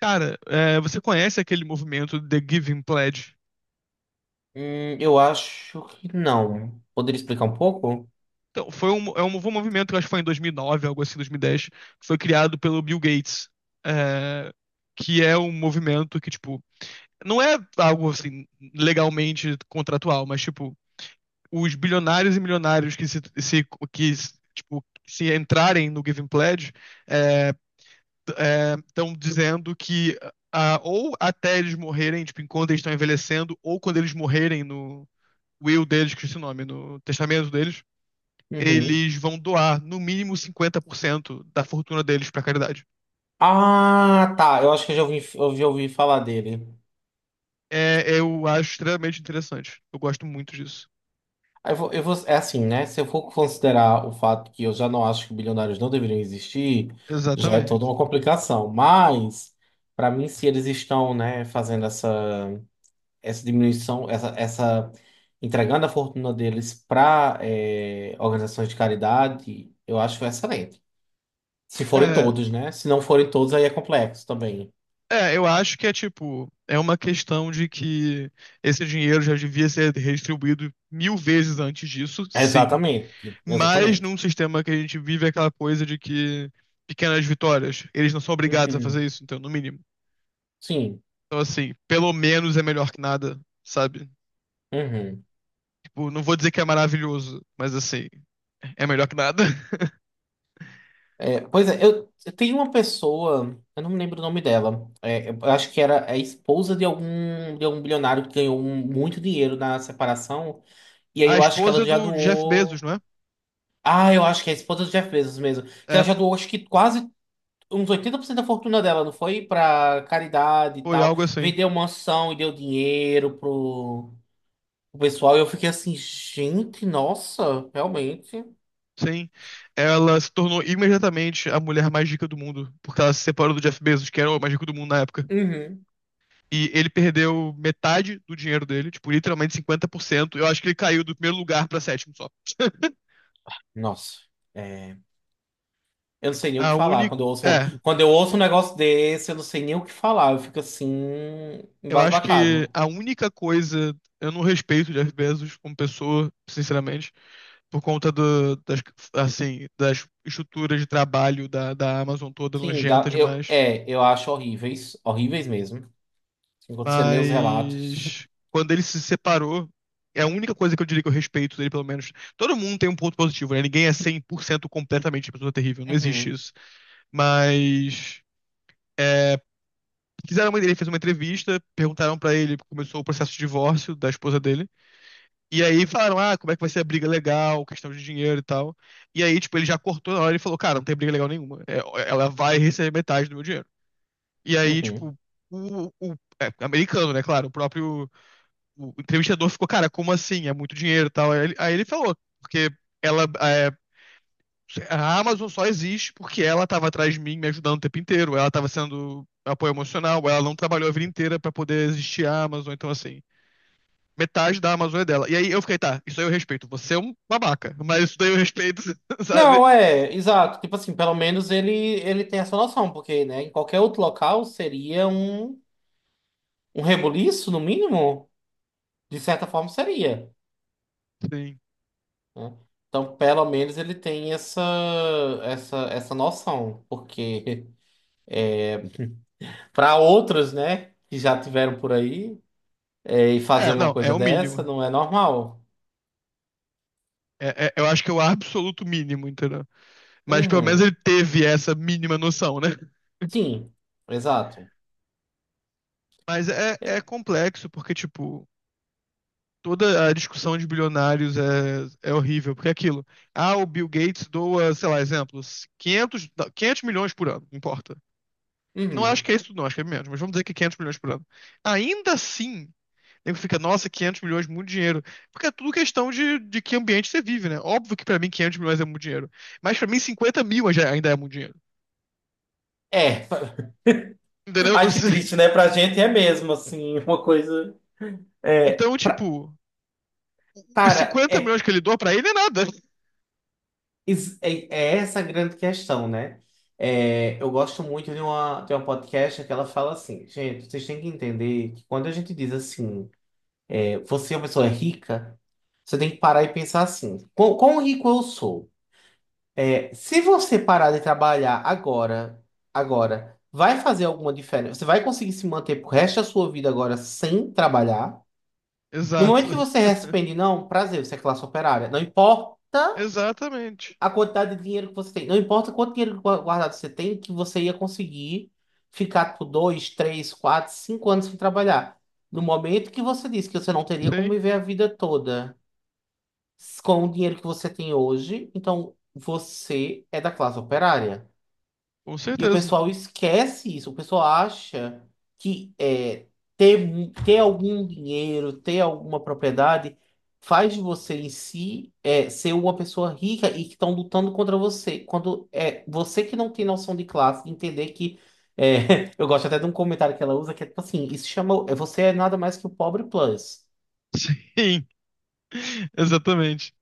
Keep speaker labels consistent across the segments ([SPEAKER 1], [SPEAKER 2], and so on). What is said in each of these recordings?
[SPEAKER 1] Cara, você conhece aquele movimento The Giving Pledge?
[SPEAKER 2] Eu acho que não. Poderia explicar um pouco?
[SPEAKER 1] Então, foi um movimento que eu acho que foi em 2009, algo assim, 2010, que foi criado pelo Bill Gates. é, que é um movimento que, tipo, não é algo, assim, legalmente contratual, mas, tipo, os bilionários e milionários que, tipo, se entrarem no Giving Pledge estão dizendo que ou até eles morrerem, tipo, enquanto eles estão envelhecendo, ou quando eles morrerem no will deles, que esse nome, no testamento deles,
[SPEAKER 2] Uhum.
[SPEAKER 1] eles vão doar no mínimo 50% da fortuna deles pra caridade.
[SPEAKER 2] Ah, tá. Eu acho que eu já ouvi falar dele.
[SPEAKER 1] É, eu acho extremamente interessante. Eu gosto muito disso.
[SPEAKER 2] Aí é assim, né? Se eu for considerar o fato que eu já não acho que bilionários não deveriam existir, já é toda
[SPEAKER 1] Exatamente.
[SPEAKER 2] uma complicação. Mas, para mim, se eles estão, né, fazendo essa diminuição, essa entregando a fortuna deles para organizações de caridade, eu acho excelente. Se forem
[SPEAKER 1] É,
[SPEAKER 2] todos, né? Se não forem todos, aí é complexo também.
[SPEAKER 1] eu acho que é tipo, é uma questão de que esse dinheiro já devia ser redistribuído mil vezes antes disso, sim.
[SPEAKER 2] Exatamente,
[SPEAKER 1] Mas
[SPEAKER 2] exatamente.
[SPEAKER 1] num sistema que a gente vive é aquela coisa de que pequenas vitórias, eles não são obrigados a
[SPEAKER 2] Uhum.
[SPEAKER 1] fazer isso, então, no mínimo.
[SPEAKER 2] Sim.
[SPEAKER 1] Então, assim, pelo menos é melhor que nada, sabe?
[SPEAKER 2] Uhum.
[SPEAKER 1] Tipo, não vou dizer que é maravilhoso, mas assim, é melhor que nada.
[SPEAKER 2] É, pois é, eu tenho uma pessoa, eu não me lembro o nome dela. É, eu acho que era a esposa de algum bilionário que ganhou muito dinheiro na separação. E aí
[SPEAKER 1] A
[SPEAKER 2] eu acho que ela
[SPEAKER 1] esposa
[SPEAKER 2] já
[SPEAKER 1] do Jeff Bezos,
[SPEAKER 2] doou.
[SPEAKER 1] não é?
[SPEAKER 2] Ah, eu acho que é a esposa do Jeff Bezos mesmo. Que ela
[SPEAKER 1] É,
[SPEAKER 2] já doou, acho que quase uns 80% da fortuna dela, não foi? Pra caridade e
[SPEAKER 1] foi
[SPEAKER 2] tal.
[SPEAKER 1] algo assim.
[SPEAKER 2] Vendeu mansão e deu dinheiro pro o pessoal, eu fiquei assim, gente, nossa, realmente.
[SPEAKER 1] Sim. Ela se tornou imediatamente a mulher mais rica do mundo, porque ela se separou do Jeff Bezos, que era o mais rico do mundo na época.
[SPEAKER 2] Uhum.
[SPEAKER 1] E ele perdeu metade do dinheiro dele, tipo, literalmente 50%. Eu acho que ele caiu do primeiro lugar pra sétimo só.
[SPEAKER 2] Nossa, é, eu não sei nem o
[SPEAKER 1] A
[SPEAKER 2] que falar.
[SPEAKER 1] única.
[SPEAKER 2] Quando eu ouço um,
[SPEAKER 1] É,
[SPEAKER 2] quando eu ouço um negócio desse, eu não sei nem o que falar. Eu fico assim,
[SPEAKER 1] Eu acho que
[SPEAKER 2] embasbacado.
[SPEAKER 1] a única coisa. Eu não respeito o Jeff Bezos como pessoa, sinceramente, por conta assim, das estruturas de trabalho da Amazon toda
[SPEAKER 2] Sim, dá,
[SPEAKER 1] nojenta demais.
[SPEAKER 2] eu acho horríveis, horríveis mesmo. Enquanto você lê os relatos.
[SPEAKER 1] Mas quando ele se separou, é a única coisa que eu diria que eu respeito dele, pelo menos. Todo mundo tem um ponto positivo, né? Ninguém é 100% completamente pessoa terrível, não existe
[SPEAKER 2] Uhum,
[SPEAKER 1] isso. Mas ele fez uma entrevista, perguntaram pra ele, começou o processo de divórcio da esposa dele. E aí falaram, ah, como é que vai ser a briga legal, questão de dinheiro e tal. E aí, tipo, ele já cortou na hora e falou, cara, não tem briga legal nenhuma. Ela vai receber metade do meu dinheiro. E aí, tipo,
[SPEAKER 2] uhum.
[SPEAKER 1] o, o americano, né, claro, o entrevistador ficou, cara, como assim? É muito dinheiro e tal. Aí ele falou, porque ela, a Amazon só existe porque ela tava atrás de mim, me ajudando o tempo inteiro. Ela tava sendo apoio emocional, ela não trabalhou a vida inteira pra poder existir a Amazon, então assim metade da Amazônia dela. E aí eu fiquei, tá, isso aí eu respeito. Você é um babaca, mas isso daí eu respeito, sabe?
[SPEAKER 2] Não, é, exato. Tipo assim, pelo menos ele tem essa noção, porque, né, em qualquer outro local seria um rebuliço, no mínimo. De certa forma seria,
[SPEAKER 1] Sim.
[SPEAKER 2] né? Então, pelo menos ele tem essa noção, porque para outros, né, que já tiveram por aí, e fazer
[SPEAKER 1] É,
[SPEAKER 2] uma
[SPEAKER 1] não, é
[SPEAKER 2] coisa
[SPEAKER 1] o
[SPEAKER 2] dessa
[SPEAKER 1] mínimo.
[SPEAKER 2] não é normal.
[SPEAKER 1] Eu acho que é o absoluto mínimo, entendeu? Mas pelo menos
[SPEAKER 2] Uhum.
[SPEAKER 1] ele teve essa mínima noção, né?
[SPEAKER 2] Sim, exato.
[SPEAKER 1] Mas é
[SPEAKER 2] É.
[SPEAKER 1] complexo, porque, tipo, toda a discussão de bilionários é horrível, porque é aquilo. Ah, o Bill Gates doa, sei lá, exemplos, 500 milhões por ano, não importa. Não acho
[SPEAKER 2] Uhum.
[SPEAKER 1] que é isso, não, acho que é menos, mas vamos dizer que 500 milhões por ano. Ainda assim, Nego fica, nossa, 500 milhões, muito dinheiro. Porque é tudo questão de que ambiente você vive, né? Óbvio que pra mim 500 milhões é muito dinheiro. Mas pra mim 50 mil ainda é muito dinheiro.
[SPEAKER 2] É.
[SPEAKER 1] Entendeu?
[SPEAKER 2] Ai, que triste, né? Pra gente é mesmo, assim, uma coisa. É,
[SPEAKER 1] Então,
[SPEAKER 2] pra...
[SPEAKER 1] tipo, os
[SPEAKER 2] Cara,
[SPEAKER 1] 50 milhões que ele doa pra ele é nada.
[SPEAKER 2] é essa a grande questão, né? É, eu gosto muito de uma podcast que ela fala assim, gente, vocês têm que entender que quando a gente diz assim. Você é uma pessoa rica, você tem que parar e pensar assim: quão rico eu sou? É, se você parar de trabalhar agora, agora, vai fazer alguma diferença? Você vai conseguir se manter pro resto da sua vida agora sem trabalhar? No
[SPEAKER 1] Exato.
[SPEAKER 2] momento que você responde, não, prazer, você é classe operária. Não importa
[SPEAKER 1] Exatamente.
[SPEAKER 2] a quantidade de dinheiro que você tem, não importa quanto dinheiro guardado você tem, que você ia conseguir ficar por dois, três, quatro, cinco anos sem trabalhar. No momento que você disse que você não teria como
[SPEAKER 1] Sim,
[SPEAKER 2] viver a vida toda, com o dinheiro que você tem hoje, então você é da classe operária.
[SPEAKER 1] com
[SPEAKER 2] E o
[SPEAKER 1] certeza.
[SPEAKER 2] pessoal esquece isso, o pessoal acha que ter algum dinheiro, ter alguma propriedade, faz de você em si ser uma pessoa rica e que estão lutando contra você. Quando é você que não tem noção de classe, entender que. Eu gosto até de um comentário que ela usa que é tipo assim: isso chama. Você é nada mais que o pobre plus,
[SPEAKER 1] Sim, exatamente.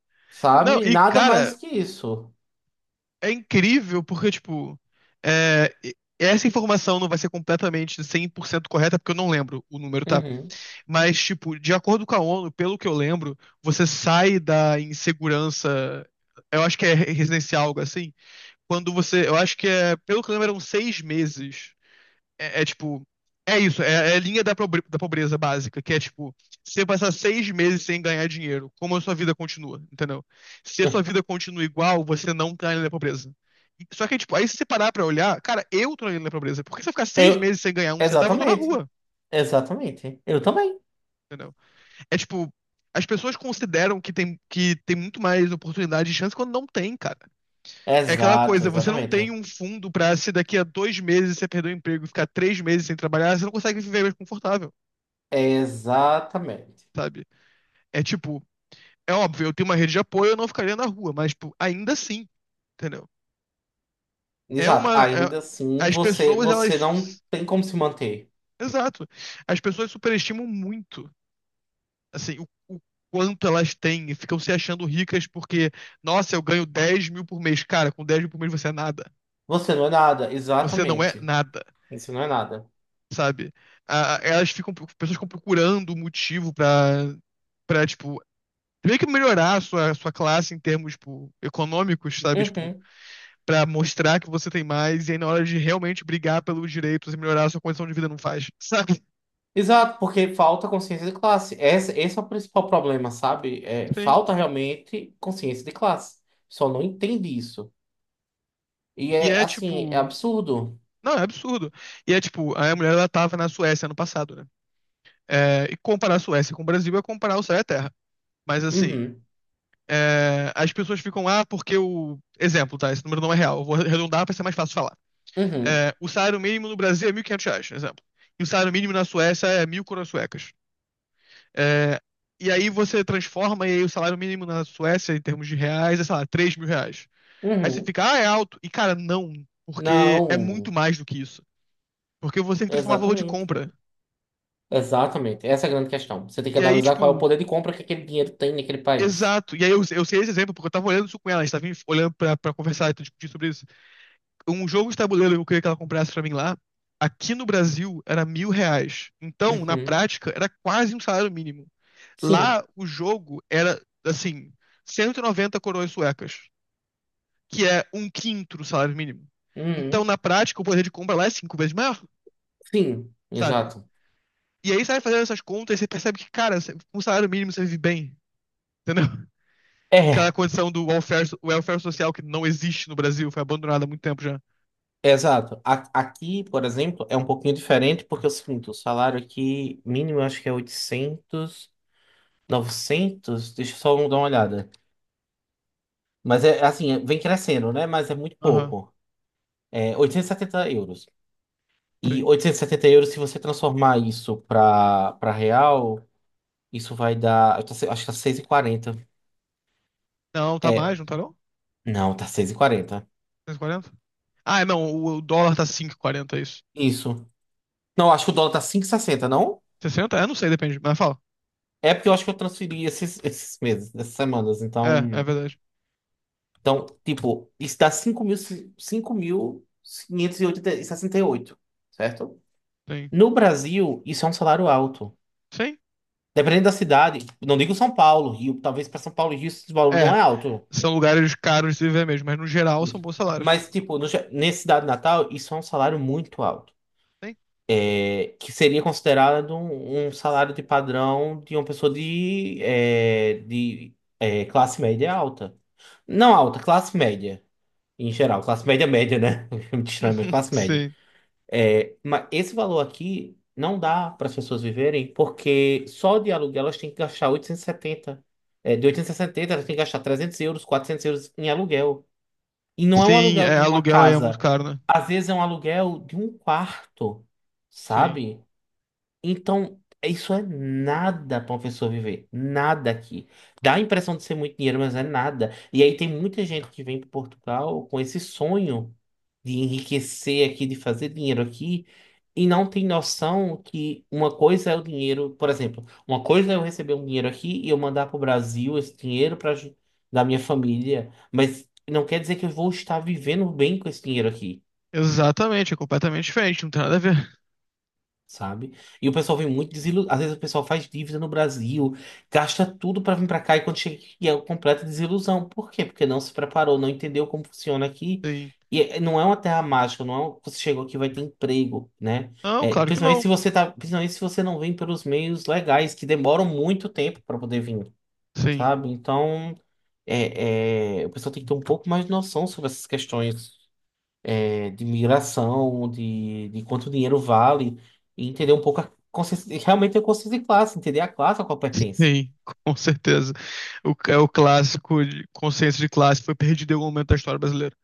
[SPEAKER 1] Não,
[SPEAKER 2] sabe?
[SPEAKER 1] e
[SPEAKER 2] Nada mais
[SPEAKER 1] cara,
[SPEAKER 2] que isso.
[SPEAKER 1] é incrível porque, tipo, essa informação não vai ser completamente 100% correta porque eu não lembro. O número tá.
[SPEAKER 2] Uhum.
[SPEAKER 1] Mas, tipo, de acordo com a ONU, pelo que eu lembro, você sai da insegurança. Eu acho que é residencial, algo assim. Quando você. Eu acho que é. Pelo que eu lembro, eram 6 meses. É, é, tipo. É isso, é a linha da pobreza básica, que é tipo, se você passar 6 meses sem ganhar dinheiro, como a sua vida continua, entendeu? Se a sua vida continua igual, você não tá na linha da pobreza. Só que, tipo, aí se você parar pra olhar, cara, eu tô na linha da pobreza. Por que se eu ficar seis
[SPEAKER 2] Eu,
[SPEAKER 1] meses sem ganhar um centavo, eu tô na
[SPEAKER 2] exatamente,
[SPEAKER 1] rua,
[SPEAKER 2] exatamente. Eu também.
[SPEAKER 1] entendeu? É tipo, as pessoas consideram que tem muito mais oportunidade e chance quando não tem, cara. É aquela
[SPEAKER 2] Exato,
[SPEAKER 1] coisa, você não tem
[SPEAKER 2] exatamente.
[SPEAKER 1] um fundo pra se daqui a 2 meses você perder o emprego e ficar 3 meses sem trabalhar, você não consegue viver mais confortável,
[SPEAKER 2] Exatamente.
[SPEAKER 1] sabe? É tipo, é óbvio, eu tenho uma rede de apoio, eu não ficaria na rua, mas tipo, ainda assim, entendeu? É
[SPEAKER 2] Exato.
[SPEAKER 1] uma. É-
[SPEAKER 2] Ainda assim,
[SPEAKER 1] as pessoas,
[SPEAKER 2] você não
[SPEAKER 1] elas.
[SPEAKER 2] tem como se manter.
[SPEAKER 1] Exato. As pessoas superestimam muito assim, o quanto elas têm e ficam se achando ricas porque, nossa, eu ganho 10 mil por mês. Cara, com 10 mil por mês você é nada.
[SPEAKER 2] Você não é nada,
[SPEAKER 1] Você não é
[SPEAKER 2] exatamente.
[SPEAKER 1] nada,
[SPEAKER 2] Você não é nada.
[SPEAKER 1] sabe? Ah, elas ficam, pessoas ficam procurando um motivo pra, tipo, meio que melhorar a sua classe em termos, tipo, econômicos, sabe? Tipo,
[SPEAKER 2] Uhum.
[SPEAKER 1] pra mostrar que você tem mais e aí na hora de realmente brigar pelos direitos e melhorar a sua condição de vida não faz, sabe?
[SPEAKER 2] Exato, porque falta consciência de classe. Esse é o principal problema, sabe? É,
[SPEAKER 1] Sim.
[SPEAKER 2] falta realmente consciência de classe. Só não entende isso. E
[SPEAKER 1] E
[SPEAKER 2] é
[SPEAKER 1] é,
[SPEAKER 2] assim, é
[SPEAKER 1] tipo...
[SPEAKER 2] absurdo.
[SPEAKER 1] Não, é absurdo. E é tipo, a mulher ela tava na Suécia ano passado, né? É, e comparar a Suécia com o Brasil é comparar o céu e a terra. Mas assim,
[SPEAKER 2] Uhum,
[SPEAKER 1] as pessoas ficam lá porque o. Exemplo, tá? Esse número não é real. Eu vou arredondar para ser mais fácil de falar.
[SPEAKER 2] uhum,
[SPEAKER 1] O salário mínimo no Brasil é 1.500 reais, exemplo. E o salário mínimo na Suécia é 1.000 coroas suecas. É, e aí você transforma e aí o salário mínimo na Suécia, em termos de reais, sei lá, 3 mil reais. Aí você
[SPEAKER 2] uhum.
[SPEAKER 1] fica, ah, é alto. E cara, não, porque é
[SPEAKER 2] Não,
[SPEAKER 1] muito mais do que isso. Porque você tem que transformar valor de
[SPEAKER 2] exatamente.
[SPEAKER 1] compra.
[SPEAKER 2] Exatamente, essa é a grande questão. Você tem que
[SPEAKER 1] E aí,
[SPEAKER 2] analisar qual é o
[SPEAKER 1] tipo,
[SPEAKER 2] poder de compra que aquele dinheiro tem naquele país.
[SPEAKER 1] exato. E aí eu sei esse exemplo porque eu tava olhando isso com ela, a gente tava olhando pra, conversar e discutir sobre isso. Um jogo de tabuleiro que eu queria que ela comprasse pra mim lá, aqui no Brasil era 1.000 reais. Então, na
[SPEAKER 2] Uhum.
[SPEAKER 1] prática, era quase um salário mínimo.
[SPEAKER 2] Sim.
[SPEAKER 1] Lá, o jogo era, assim, 190 coroas suecas, que é um quinto do salário mínimo. Então,
[SPEAKER 2] Uhum.
[SPEAKER 1] na prática, o poder de compra lá é cinco vezes maior,
[SPEAKER 2] Sim,
[SPEAKER 1] sabe?
[SPEAKER 2] exato.
[SPEAKER 1] E aí, sai fazendo essas contas e você percebe que, cara, com o salário mínimo você vive bem, entendeu? Aquela
[SPEAKER 2] É,
[SPEAKER 1] condição do welfare, welfare social que não existe no Brasil, foi abandonada há muito tempo já.
[SPEAKER 2] exato. Aqui, por exemplo, é um pouquinho diferente porque é o seguinte, o salário aqui mínimo eu acho que é oitocentos, novecentos, deixa eu só dar uma olhada. Mas é assim, vem crescendo, né? Mas é muito
[SPEAKER 1] Aham,
[SPEAKER 2] pouco. É 870 euros. E
[SPEAKER 1] sim.
[SPEAKER 2] 870 euros, se você transformar isso para real, isso vai dar, eu tô acho que tá 6,40.
[SPEAKER 1] Não, tá mais, não tá não?
[SPEAKER 2] Não, tá 6,40.
[SPEAKER 1] Cento e quarenta. Ah, não, o dólar tá 5,40, é isso.
[SPEAKER 2] Isso. Não, acho que o dólar tá 5,60, não?
[SPEAKER 1] Sessenta. É, não sei, depende, mas fala.
[SPEAKER 2] É porque eu acho que eu transferi esses, esses meses, essas semanas.
[SPEAKER 1] É, é
[SPEAKER 2] Então,
[SPEAKER 1] verdade.
[SPEAKER 2] tipo, isso dá 5.568, certo?
[SPEAKER 1] Sim.
[SPEAKER 2] No Brasil, isso é um salário alto.
[SPEAKER 1] Sim?
[SPEAKER 2] Dependendo da cidade, não digo São Paulo, Rio, talvez para São Paulo e Rio esse valor não
[SPEAKER 1] É,
[SPEAKER 2] é alto.
[SPEAKER 1] são lugares caros de se viver mesmo, mas no geral são
[SPEAKER 2] Isso.
[SPEAKER 1] bons salários.
[SPEAKER 2] Mas, tipo, no, ge- nesse cidade Natal, isso é um salário muito alto,
[SPEAKER 1] Sim.
[SPEAKER 2] que seria considerado um salário de padrão de uma pessoa classe média alta. Não alta, classe média. Em geral, classe média média, né? Muito estranho, mas classe média.
[SPEAKER 1] Sim.
[SPEAKER 2] É, mas esse valor aqui não dá para as pessoas viverem, porque só de aluguel elas têm que gastar 870. É, de 870 elas têm que gastar 300 euros, 400 € em aluguel. E não é um
[SPEAKER 1] Sim,
[SPEAKER 2] aluguel de uma
[SPEAKER 1] aluguel aí é muito
[SPEAKER 2] casa.
[SPEAKER 1] caro, né?
[SPEAKER 2] Às vezes é um aluguel de um quarto,
[SPEAKER 1] Sim.
[SPEAKER 2] sabe? Então, isso é nada para uma pessoa viver. Nada aqui. Dá a impressão de ser muito dinheiro, mas é nada. E aí tem muita gente que vem para Portugal com esse sonho de enriquecer aqui, de fazer dinheiro aqui, e não tem noção que uma coisa é o dinheiro, por exemplo, uma coisa é eu receber um dinheiro aqui e eu mandar para o Brasil esse dinheiro para da minha família, mas não quer dizer que eu vou estar vivendo bem com esse dinheiro aqui,
[SPEAKER 1] Exatamente, é completamente diferente, não tem nada a ver.
[SPEAKER 2] sabe? E o pessoal vem muito desiludido. Às vezes o pessoal faz dívida no Brasil, gasta tudo pra vir pra cá e quando chega aqui é uma completa desilusão. Por quê? Porque não se preparou, não entendeu como funciona aqui.
[SPEAKER 1] Sim.
[SPEAKER 2] E não é uma terra mágica, não é você chegou aqui e vai ter emprego, né?
[SPEAKER 1] Não,
[SPEAKER 2] É,
[SPEAKER 1] claro que
[SPEAKER 2] principalmente
[SPEAKER 1] não.
[SPEAKER 2] se você tá, principalmente se você não vem pelos meios legais, que demoram muito tempo pra poder vir,
[SPEAKER 1] Sim.
[SPEAKER 2] sabe? Então, o pessoal tem que ter um pouco mais de noção sobre essas questões de migração, de quanto dinheiro vale, e entender um pouco a consciência, realmente a consciência de classe, entender a classe a qual pertence.
[SPEAKER 1] Sim, com certeza. É o clássico, consciência de classe foi perdido em algum momento da história brasileira.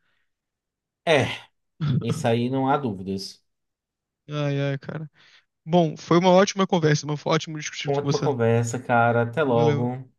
[SPEAKER 2] É, isso aí não há dúvidas.
[SPEAKER 1] Ai, ai, cara. Bom, foi uma ótima conversa, irmão. Foi ótimo discutir com
[SPEAKER 2] Ótima
[SPEAKER 1] você.
[SPEAKER 2] conversa, cara. Até
[SPEAKER 1] Valeu.
[SPEAKER 2] logo.